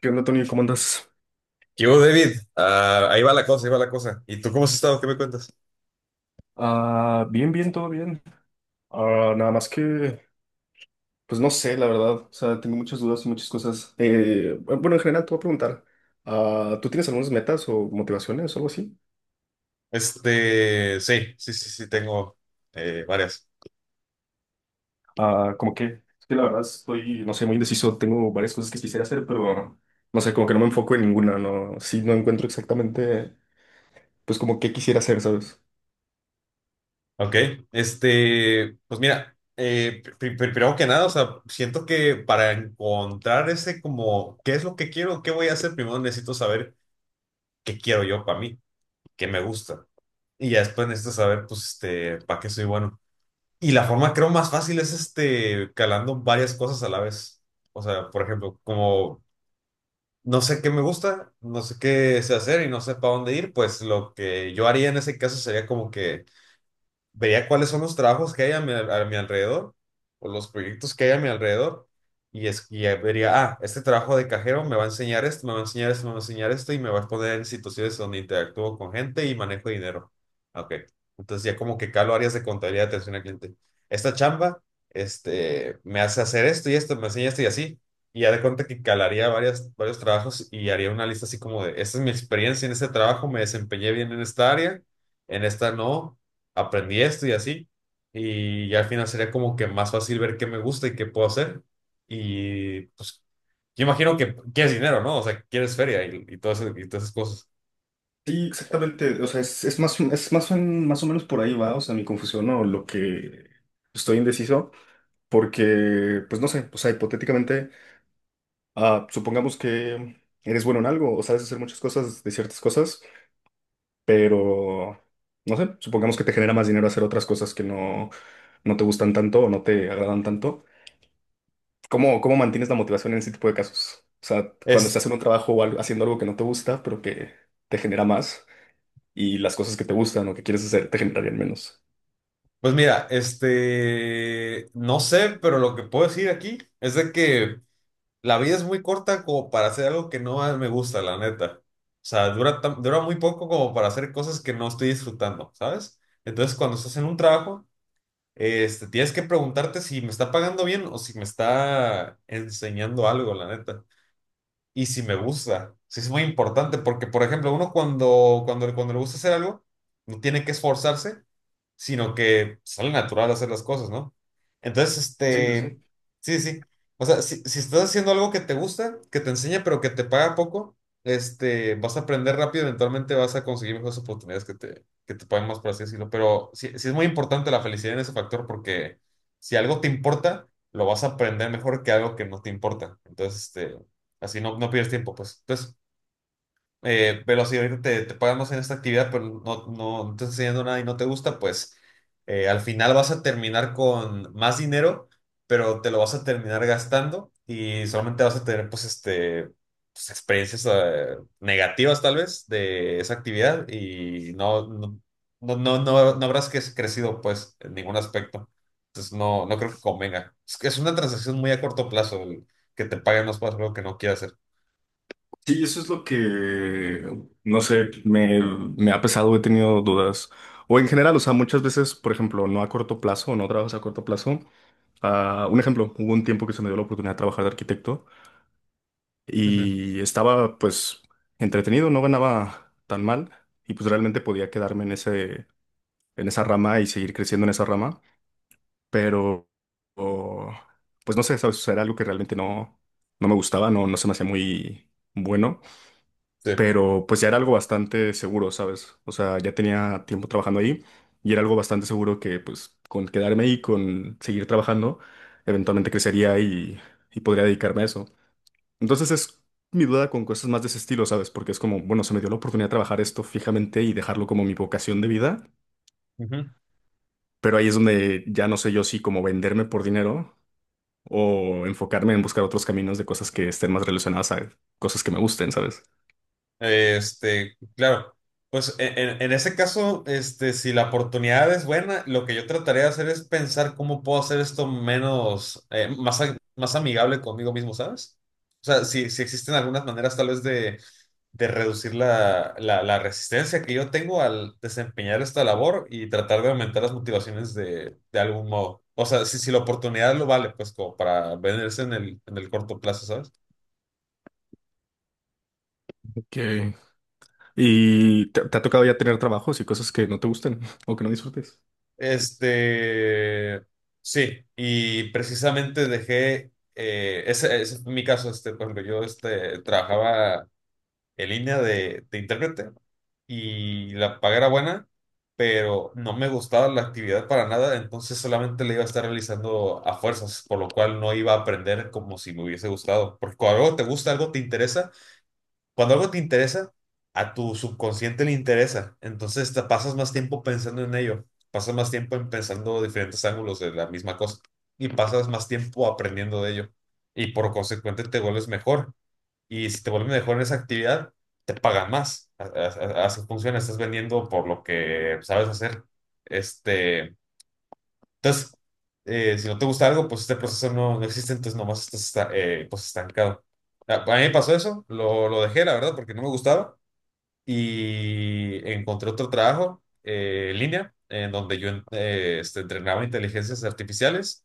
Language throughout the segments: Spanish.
¿Qué onda, Tony? ¿Cómo andas? ¿Qué hubo, David? Ah, ahí va la cosa, ahí va la cosa. ¿Y tú cómo has estado? ¿Qué me cuentas? Bien, bien, todo bien. Nada más que, pues no sé, la verdad. O sea, tengo muchas dudas y muchas cosas. Bueno, en general te voy a preguntar, ¿tú tienes algunas metas o motivaciones o algo así? Este, sí, sí, sí, sí, tengo varias. Ah, ¿cómo qué? Es que la verdad estoy, no sé, muy indeciso. Tengo varias cosas que quisiera hacer, pero no sé, como que no me enfoco en ninguna, no. Sí, no encuentro exactamente, pues como qué quisiera hacer, ¿sabes? Ok, este, pues mira, primero que nada, o sea, siento que para encontrar ese como, ¿qué es lo que quiero? ¿Qué voy a hacer? Primero necesito saber qué quiero yo para mí, qué me gusta. Y ya después necesito saber, pues, este, para qué soy bueno. Y la forma, creo, más fácil es, este, calando varias cosas a la vez. O sea, por ejemplo, como no sé qué me gusta, no sé qué sé hacer y no sé para dónde ir, pues lo que yo haría en ese caso sería como que vería cuáles son los trabajos que hay a mi alrededor o los proyectos que hay a mi alrededor y, es, y ya vería, este trabajo de cajero me va a enseñar esto, me va a enseñar esto, me va a enseñar esto y me va a poner en situaciones donde interactúo con gente y manejo dinero. Ah, ok, entonces ya como que calo áreas de contabilidad, atención al cliente. Esta chamba, este, me hace hacer esto y esto, me enseña esto y así. Y ya de cuenta que calaría varios trabajos y haría una lista así como de, esta es mi experiencia en este trabajo, me desempeñé bien en esta área, en esta no aprendí esto y así. Y ya al final sería como que más fácil ver qué me gusta y qué puedo hacer. Y pues yo imagino que quieres dinero, ¿no? O sea, quieres feria y y todas esas cosas. Sí, exactamente. O sea, es más, o- más o menos por ahí va, o sea, mi confusión o lo que estoy indeciso. Porque, pues no sé, o sea, hipotéticamente, supongamos que eres bueno en algo o sabes hacer muchas cosas de ciertas cosas, pero, no sé, supongamos que te genera más dinero hacer otras cosas que no, no te gustan tanto o no te agradan tanto. ¿Cómo mantienes la motivación en ese tipo de casos? O sea, cuando Es, estás en un trabajo o algo- haciendo algo que no te gusta, pero que te genera más y las cosas que te gustan o que quieres hacer te generarían menos. pues mira, este, no sé, pero lo que puedo decir aquí es de que la vida es muy corta como para hacer algo que no me gusta, la neta. O sea, dura, dura muy poco como para hacer cosas que no estoy disfrutando, ¿sabes? Entonces, cuando estás en un trabajo, este, tienes que preguntarte si me está pagando bien o si me está enseñando algo, la neta y si me gusta. Sí, es muy importante porque, por ejemplo, uno cuando le gusta hacer algo, no tiene que esforzarse, sino que sale natural hacer las cosas, ¿no? Entonces, sí sí este, sí. sí, sí. O sea, si, si estás haciendo algo que te gusta, que te enseña, pero que te paga poco, este, vas a aprender rápido, eventualmente vas a conseguir mejores oportunidades que te paguen más, por así decirlo. Pero sí, sí es muy importante la felicidad en ese factor porque si algo te importa, lo vas a aprender mejor que algo que no te importa. Entonces, este, así no, no pierdes tiempo, pues. Entonces, velo así, ahorita te pagan más en esta actividad, pero no, no, no te está enseñando nada y no te gusta, pues al final vas a terminar con más dinero, pero te lo vas a terminar gastando y solamente vas a tener, pues, este, pues, experiencias negativas tal vez de esa actividad y no, no, no, no, no, no habrás crecido, pues, en ningún aspecto. Entonces, no, no creo que convenga. Es que es una transacción muy a corto plazo el que te paguen más para algo que no quieras hacer. Sí, eso es lo que, no sé, me ha pesado, he tenido dudas. O en general, o sea, muchas veces, por ejemplo, no a corto plazo, no trabajas a corto plazo. Ah, un ejemplo, hubo un tiempo que se me dio la oportunidad de trabajar de arquitecto Ujú. y estaba pues entretenido, no ganaba tan mal y pues realmente podía quedarme en ese, en esa rama y seguir creciendo en esa rama, pero o- pues no sé, ¿sabes? O sea, era algo que realmente no, no me gustaba, no, no se me hacía muy bueno. Sí. Pero pues ya era algo bastante seguro, ¿sabes? O sea, ya tenía tiempo trabajando ahí y era algo bastante seguro que pues con quedarme ahí, con seguir trabajando, eventualmente crecería y podría dedicarme a eso. Entonces es mi duda con cosas más de ese estilo, ¿sabes? Porque es como, bueno, se me dio la oportunidad de trabajar esto fijamente y dejarlo como mi vocación de vida, Ujú. pero ahí es donde ya no sé yo si como venderme por dinero. O enfocarme en buscar otros caminos de cosas que estén más relacionadas a cosas que me gusten, ¿sabes? Este, claro. Pues en ese caso, este, si la oportunidad es buena, lo que yo trataré de hacer es pensar cómo puedo hacer esto menos, más amigable conmigo mismo, ¿sabes? O sea, si, si existen algunas maneras tal vez de reducir la resistencia que yo tengo al desempeñar esta labor y tratar de aumentar las motivaciones de algún modo. O sea, si, si la oportunidad lo vale, pues como para venderse en el corto plazo, ¿sabes? Ok, ¿y te ha tocado ya tener trabajos y cosas que no te gusten o que no disfrutes? Este, sí, y precisamente dejé, ese, ese fue mi caso, este, por ejemplo, yo este, trabajaba en línea de intérprete y la paga era buena, pero no me gustaba la actividad para nada, entonces solamente la iba a estar realizando a fuerzas, por lo cual no iba a aprender como si me hubiese gustado, porque cuando algo te gusta, algo te interesa cuando algo te interesa, a tu subconsciente le interesa. Entonces te pasas más tiempo pensando en ello, pasas más tiempo en pensando diferentes ángulos de la misma cosa y pasas más tiempo aprendiendo de ello. Y por consecuente te vuelves mejor. Y si te vuelves mejor en esa actividad, te pagan más. Así funciona, estás vendiendo por lo que sabes hacer. Este, entonces, si no te gusta algo, pues este proceso no, no existe, entonces nomás estás pues estancado. A mí me pasó eso, lo dejé, la verdad, porque no me gustaba y encontré otro trabajo en línea en donde yo este, entrenaba inteligencias artificiales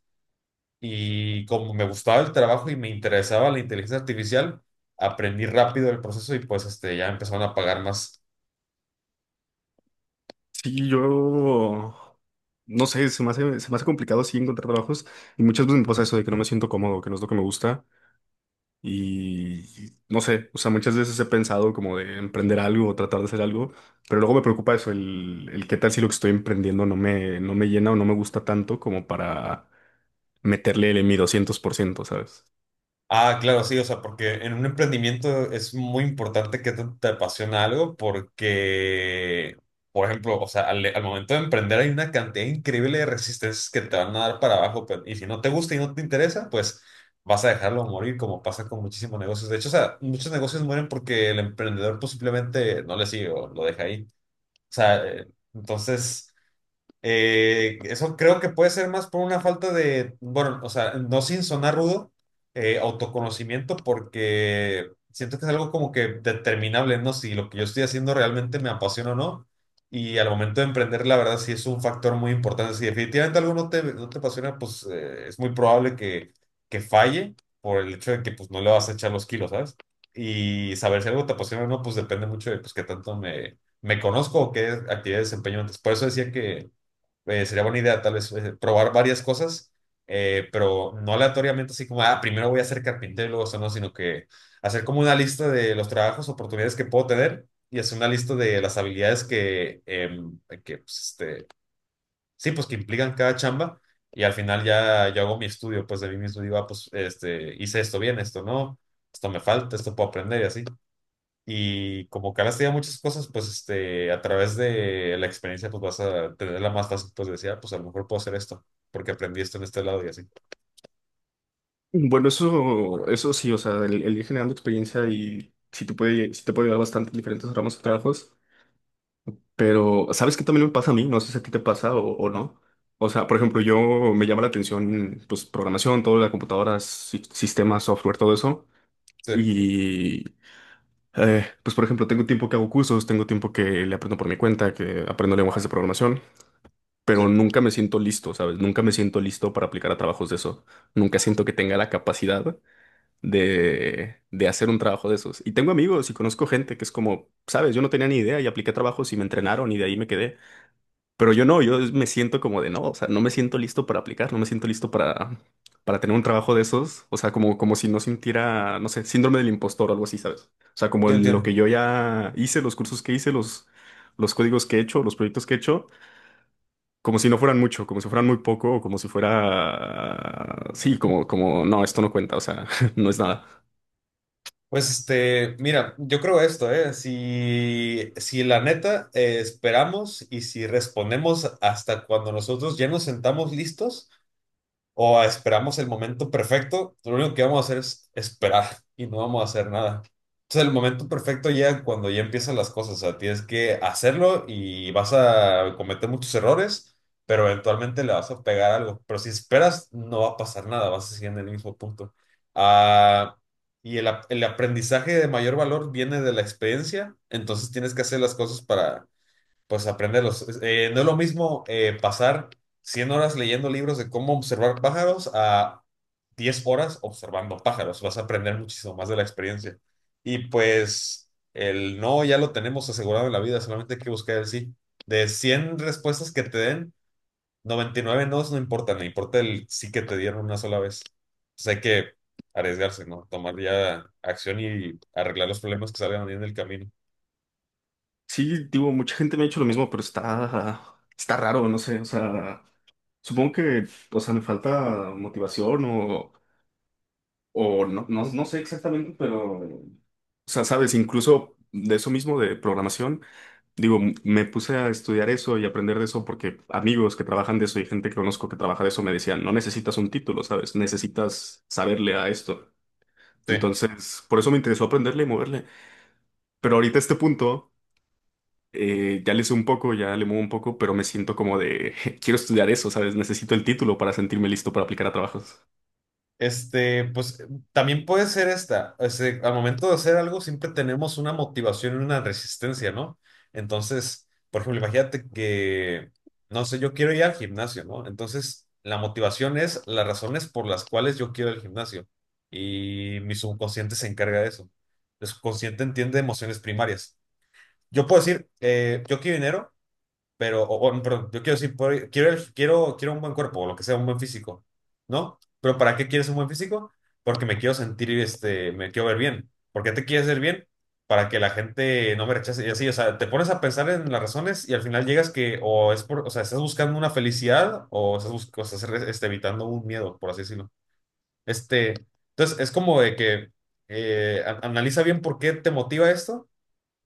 y como me gustaba el trabajo y me interesaba la inteligencia artificial, aprendí rápido el proceso y pues este, ya empezaron a pagar más. Sí, yo no sé, se me hace complicado sí encontrar trabajos y muchas veces me pasa eso de que no me siento cómodo, que no es lo que me gusta y no sé, o sea, muchas veces he pensado como de emprender algo o tratar de hacer algo, pero luego me preocupa eso, el qué tal si lo que estoy emprendiendo no me, no me llena o no me gusta tanto como para meterle el mi 200%, ¿sabes? Ah, claro, sí, o sea, porque en un emprendimiento es muy importante que te apasiona algo porque, por ejemplo, o sea, al momento de emprender hay una cantidad increíble de resistencias que te van a dar para abajo, pero y si no te gusta y no te interesa, pues vas a dejarlo morir, como pasa con muchísimos negocios. De hecho, o sea, muchos negocios mueren porque el emprendedor pues simplemente no le sigue o lo deja ahí. O sea, entonces... Eso creo que puede ser más por una falta de, bueno, o sea, no sin sonar rudo, autoconocimiento, porque siento que es algo como que determinable, ¿no? Si lo que yo estoy haciendo realmente me apasiona o no. Y al momento de emprender, la verdad, sí es un factor muy importante. Si definitivamente algo no te, no te apasiona, pues es muy probable que falle por el hecho de que pues, no le vas a echar los kilos, ¿sabes? Y saber si algo te apasiona o no, pues depende mucho de pues, qué tanto me conozco o qué actividad desempeño antes. Por eso decía que sería buena idea tal vez probar varias cosas, pero no aleatoriamente así como, primero voy a ser carpintero y luego eso, no, sino que hacer como una lista de los trabajos, oportunidades que puedo tener y hacer una lista de las habilidades que pues, este, sí, pues que implican cada chamba y al final ya yo hago mi estudio, pues de mí mismo digo, ah, pues este, hice esto bien, esto no, esto me falta, esto puedo aprender y así. Y como que has tenido muchas cosas, pues este, a través de la experiencia, pues vas a tenerla más fácil, pues decir, "Ah, pues a lo mejor puedo hacer esto, porque aprendí esto en este lado y así." Bueno, eso sí, o sea, el ir generando experiencia y si te puede, sí te puede dar bastante diferentes ramos de trabajos, pero ¿sabes qué también me pasa a mí? No sé si a ti te pasa o no. O sea, por ejemplo, yo me llama la atención, pues, programación, todo, la computadora, si- sistemas, software, todo eso. Sí, Y, pues, por ejemplo, tengo tiempo que hago cursos, tengo tiempo que le aprendo por mi cuenta, que aprendo lenguajes de programación, pero sí, nunca me siento listo, ¿sabes? Nunca me siento listo para aplicar a trabajos de eso. Nunca siento que tenga la capacidad de hacer un trabajo de esos. Y tengo amigos y conozco gente que es como, sabes, yo no tenía ni idea y apliqué trabajos y me entrenaron y de ahí me quedé. Pero yo no, yo me siento como de no, o sea, no me siento listo para aplicar, no me siento listo para tener un trabajo de esos. O sea, como, como si no sintiera, no sé, síndrome del impostor o algo así, ¿sabes? O sea, como yo lo entiendo. que yo ya hice, los cursos que hice, los códigos que he hecho, los proyectos que he hecho. Como si no fueran mucho, como si fueran muy poco, o como si fuera... Sí, como, como, no, esto no cuenta, o sea, no es nada. Pues este, mira, yo creo esto, ¿eh? Si, si la neta esperamos y si respondemos hasta cuando nosotros ya nos sentamos listos, o esperamos el momento perfecto, lo único que vamos a hacer es esperar y no vamos a hacer nada. Entonces el momento perfecto ya cuando ya empiezan las cosas, o sea, tienes que hacerlo y vas a cometer muchos errores, pero eventualmente le vas a pegar algo. Pero si esperas, no va a pasar nada, vas a seguir en el mismo punto. Ah, y el aprendizaje de mayor valor viene de la experiencia, entonces tienes que hacer las cosas para pues aprenderlos. No es lo mismo pasar 100 horas leyendo libros de cómo observar pájaros a 10 horas observando pájaros. Vas a aprender muchísimo más de la experiencia. Y pues el no ya lo tenemos asegurado en la vida, solamente hay que buscar el sí. De 100 respuestas que te den, 99 nos no importan, no importa el sí que te dieron una sola vez. Entonces hay que arriesgarse, ¿no? Tomar ya acción y arreglar los problemas que salgan ahí en el camino. Sí, digo, mucha gente me ha dicho lo mismo, pero está, está raro, no sé, o sea, supongo que, o sea, me falta motivación o no, no, no sé exactamente, pero, o sea, sabes, incluso de eso mismo, de programación, digo, m- me puse a estudiar eso y aprender de eso porque amigos que trabajan de eso y gente que conozco que trabaja de eso me decían, no necesitas un título, ¿sabes? Necesitas saberle a esto. Sí. Entonces, por eso me interesó aprenderle y moverle. Pero ahorita a este punto... ya le sé un poco, ya le muevo un poco, pero me siento como de, quiero estudiar eso, ¿sabes? Necesito el título para sentirme listo para aplicar a trabajos. Este, pues también puede ser esta. Este, al momento de hacer algo siempre tenemos una motivación y una resistencia, ¿no? Entonces, por ejemplo, imagínate que, no sé, yo quiero ir al gimnasio, ¿no? Entonces, la motivación es las razones por las cuales yo quiero ir al gimnasio. Y mi subconsciente se encarga de eso. El subconsciente entiende emociones primarias. Yo puedo decir, yo quiero dinero pero, o, perdón, yo quiero decir, quiero, quiero un buen cuerpo, o lo que sea, un buen físico, ¿no? Pero ¿para qué quieres un buen físico? Porque me quiero sentir, este, me quiero ver bien. ¿Por qué te quieres ver bien? Para que la gente no me rechace y así, o sea, te pones a pensar en las razones y al final llegas que o es por, o sea, estás buscando una felicidad o estás, o estás evitando un miedo, por así decirlo. Este, entonces, es como de que analiza bien por qué te motiva esto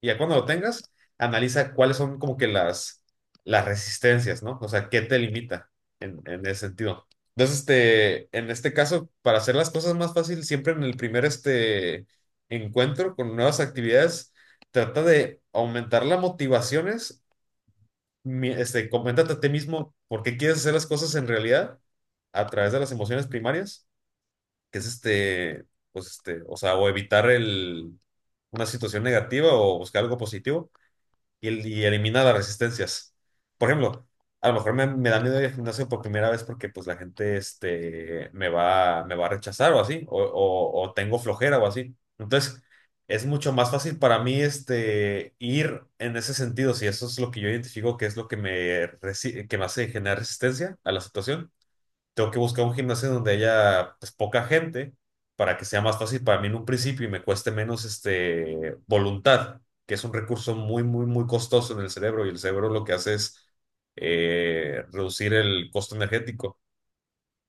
y ya cuando lo tengas, analiza cuáles son como que las resistencias, ¿no? O sea, qué te limita en ese sentido. Entonces, en este caso, para hacer las cosas más fácil, siempre en el primer encuentro con nuevas actividades, trata de aumentar las motivaciones. Coméntate a ti mismo por qué quieres hacer las cosas en realidad a través de las emociones primarias, que es pues o sea, o evitar una situación negativa o buscar algo positivo y elimina las resistencias. Por ejemplo, a lo mejor me da miedo ir al gimnasio por primera vez porque pues la gente me va a rechazar o así, o tengo flojera o así. Entonces, es mucho más fácil para mí ir en ese sentido, si eso es lo que yo identifico que es lo que que me hace generar resistencia a la situación. Tengo que buscar un gimnasio donde haya pues, poca gente para que sea más fácil para mí en un principio y me cueste menos voluntad, que es un recurso muy, muy, muy costoso en el cerebro, y el cerebro lo que hace es reducir el costo energético.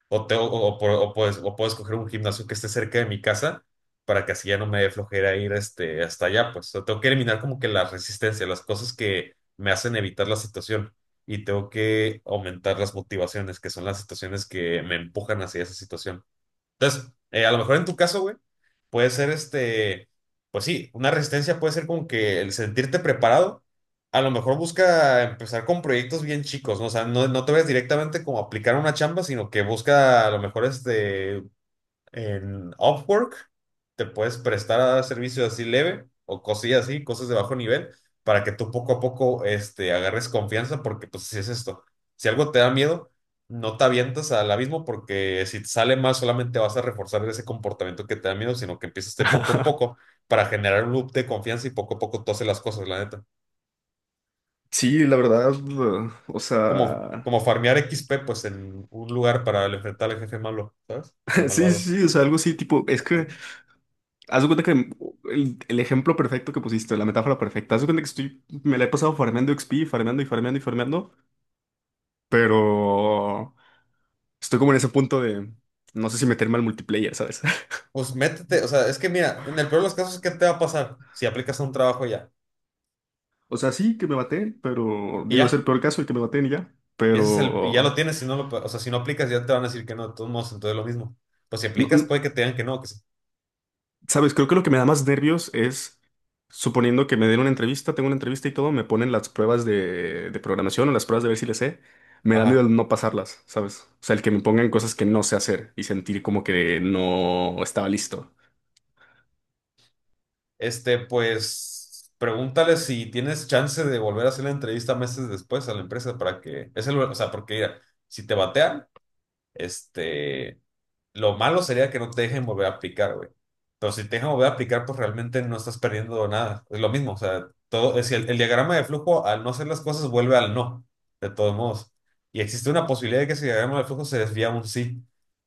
O, te- o- por- o puedo escoger un gimnasio que esté cerca de mi casa para que así ya no me dé flojera ir hasta allá. Pues o sea, tengo que eliminar como que la resistencia, las cosas que me hacen evitar la situación, y tengo que aumentar las motivaciones, que son las situaciones que me empujan hacia esa situación. Entonces, a lo mejor en tu caso, güey, puede ser pues sí, una resistencia puede ser como que el sentirte preparado. A lo mejor busca empezar con proyectos bien chicos, ¿no? O sea, no te ves directamente como a aplicar una chamba, sino que busca a lo mejor en Upwork. Te puedes prestar a servicios así leve o cosillas así, cosas de bajo nivel, para que tú poco a poco agarres confianza, porque pues si es esto, si algo te da miedo, no te avientas al abismo, porque si te sale mal solamente vas a reforzar ese comportamiento que te da miedo, sino que empiezas de poco en poco para generar un loop de confianza y poco a poco tú haces las cosas, la neta. Sí, la verdad, o Como, sea, como farmear XP pues en un lugar para enfrentar al jefe malo, ¿sabes? Al Sí, sí, malvado. sí, o sea, algo así, tipo, es que, haz de cuenta que el ejemplo perfecto que pusiste, la metáfora perfecta, haz de cuenta que estoy, me la he pasado farmeando XP, farmeando y farmeando y farmeando, pero estoy como en ese punto de, no sé si meterme al multiplayer, ¿sabes? Pues métete, o sea, es que mira, en el peor de los casos, ¿qué te va a pasar si aplicas a un trabajo ya? O sea, sí, que me maten, pero Y digo, es el ya, peor caso el que me maten y ya, ese y ya lo pero... tienes. Si no o sea, si no aplicas ya te van a decir que no, de todos modos, entonces lo mismo. Pues si aplicas, No, puede que te digan que no, que sí. sabes, creo que lo que me da más nervios es, suponiendo que me den una entrevista, tengo una entrevista y todo, me ponen las pruebas de programación o las pruebas de ver si le sé, me da miedo Ajá. el no pasarlas, ¿sabes? O sea, el que me pongan cosas que no sé hacer y sentir como que no estaba listo. Pues, pregúntale si tienes chance de volver a hacer la entrevista meses después a la empresa, para que, o sea, porque mira, si te batean, este, lo malo sería que no te dejen volver a aplicar, güey. Pero si te dejan volver a aplicar, pues realmente no estás perdiendo nada. Es lo mismo, o sea, todo, es el diagrama de flujo, al no hacer las cosas, vuelve al no, de todos modos. Y existe una posibilidad de que ese diagrama de flujo se desvía a un sí.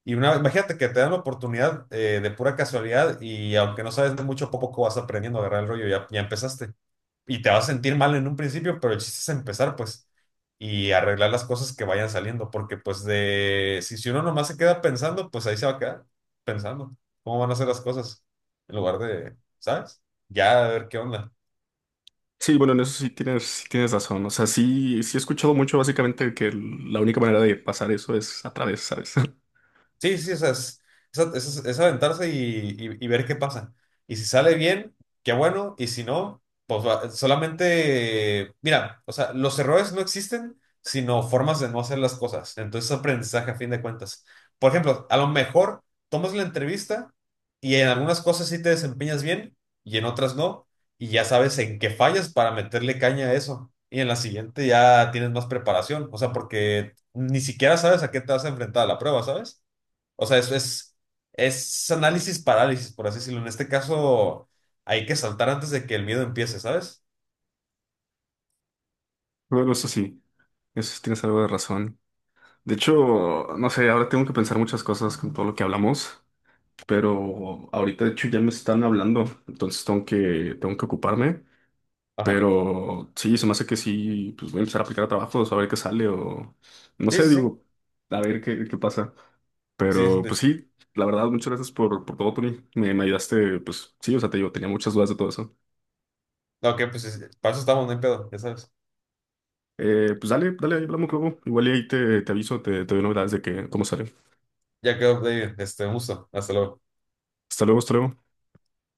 Imagínate que te dan la oportunidad de pura casualidad, y aunque no sabes de mucho, poco vas aprendiendo a agarrar el rollo. Ya, empezaste y te vas a sentir mal en un principio, pero el chiste es empezar, pues, y arreglar las cosas que vayan saliendo, porque pues de, si, si uno nomás se queda pensando, pues ahí se va a quedar pensando cómo van a ser las cosas, en lugar de, ¿sabes? Ya a ver qué onda. Sí, bueno, en eso sí tienes razón. O sea, sí, sí he escuchado mucho básicamente que el- la única manera de pasar eso es a través, ¿sabes? Sí, sí, o sea, es aventarse y, y ver qué pasa. Y si sale bien, qué bueno, y si no, pues solamente, mira, o sea, los errores no existen, sino formas de no hacer las cosas. Entonces, aprendizaje a fin de cuentas. Por ejemplo, a lo mejor tomas la entrevista y en algunas cosas sí te desempeñas bien y en otras no, y ya sabes en qué fallas para meterle caña a eso. Y en la siguiente ya tienes más preparación, o sea, porque ni siquiera sabes a qué te vas a enfrentar a la prueba, ¿sabes? O sea, es, es análisis parálisis, por así decirlo. En este caso, hay que saltar antes de que el miedo empiece, ¿sabes? Bueno, eso sí tienes algo de razón. De hecho, no sé, ahora tengo que pensar muchas cosas con todo lo que hablamos. Pero ahorita de hecho ya me están hablando, entonces tengo que ocuparme, Ajá. pero sí, se me hace que sí, pues voy a empezar a aplicar a trabajos, a ver qué sale o no Sí, sé, sí, sí. digo, a ver qué, qué pasa, Sí, pero pues sí, la verdad, muchas gracias por todo, Tony, me ayudaste, pues sí, o sea, te digo, tenía muchas dudas de todo eso. ok, pues sí, sí. Para eso estamos, no hay pedo, ya sabes. Pues dale, dale, ahí hablamos luego, igual y ahí te, te aviso, te doy novedades de que, cómo sale. Ya quedó, David. Un gusto. Hasta luego. Hasta luego, hasta luego.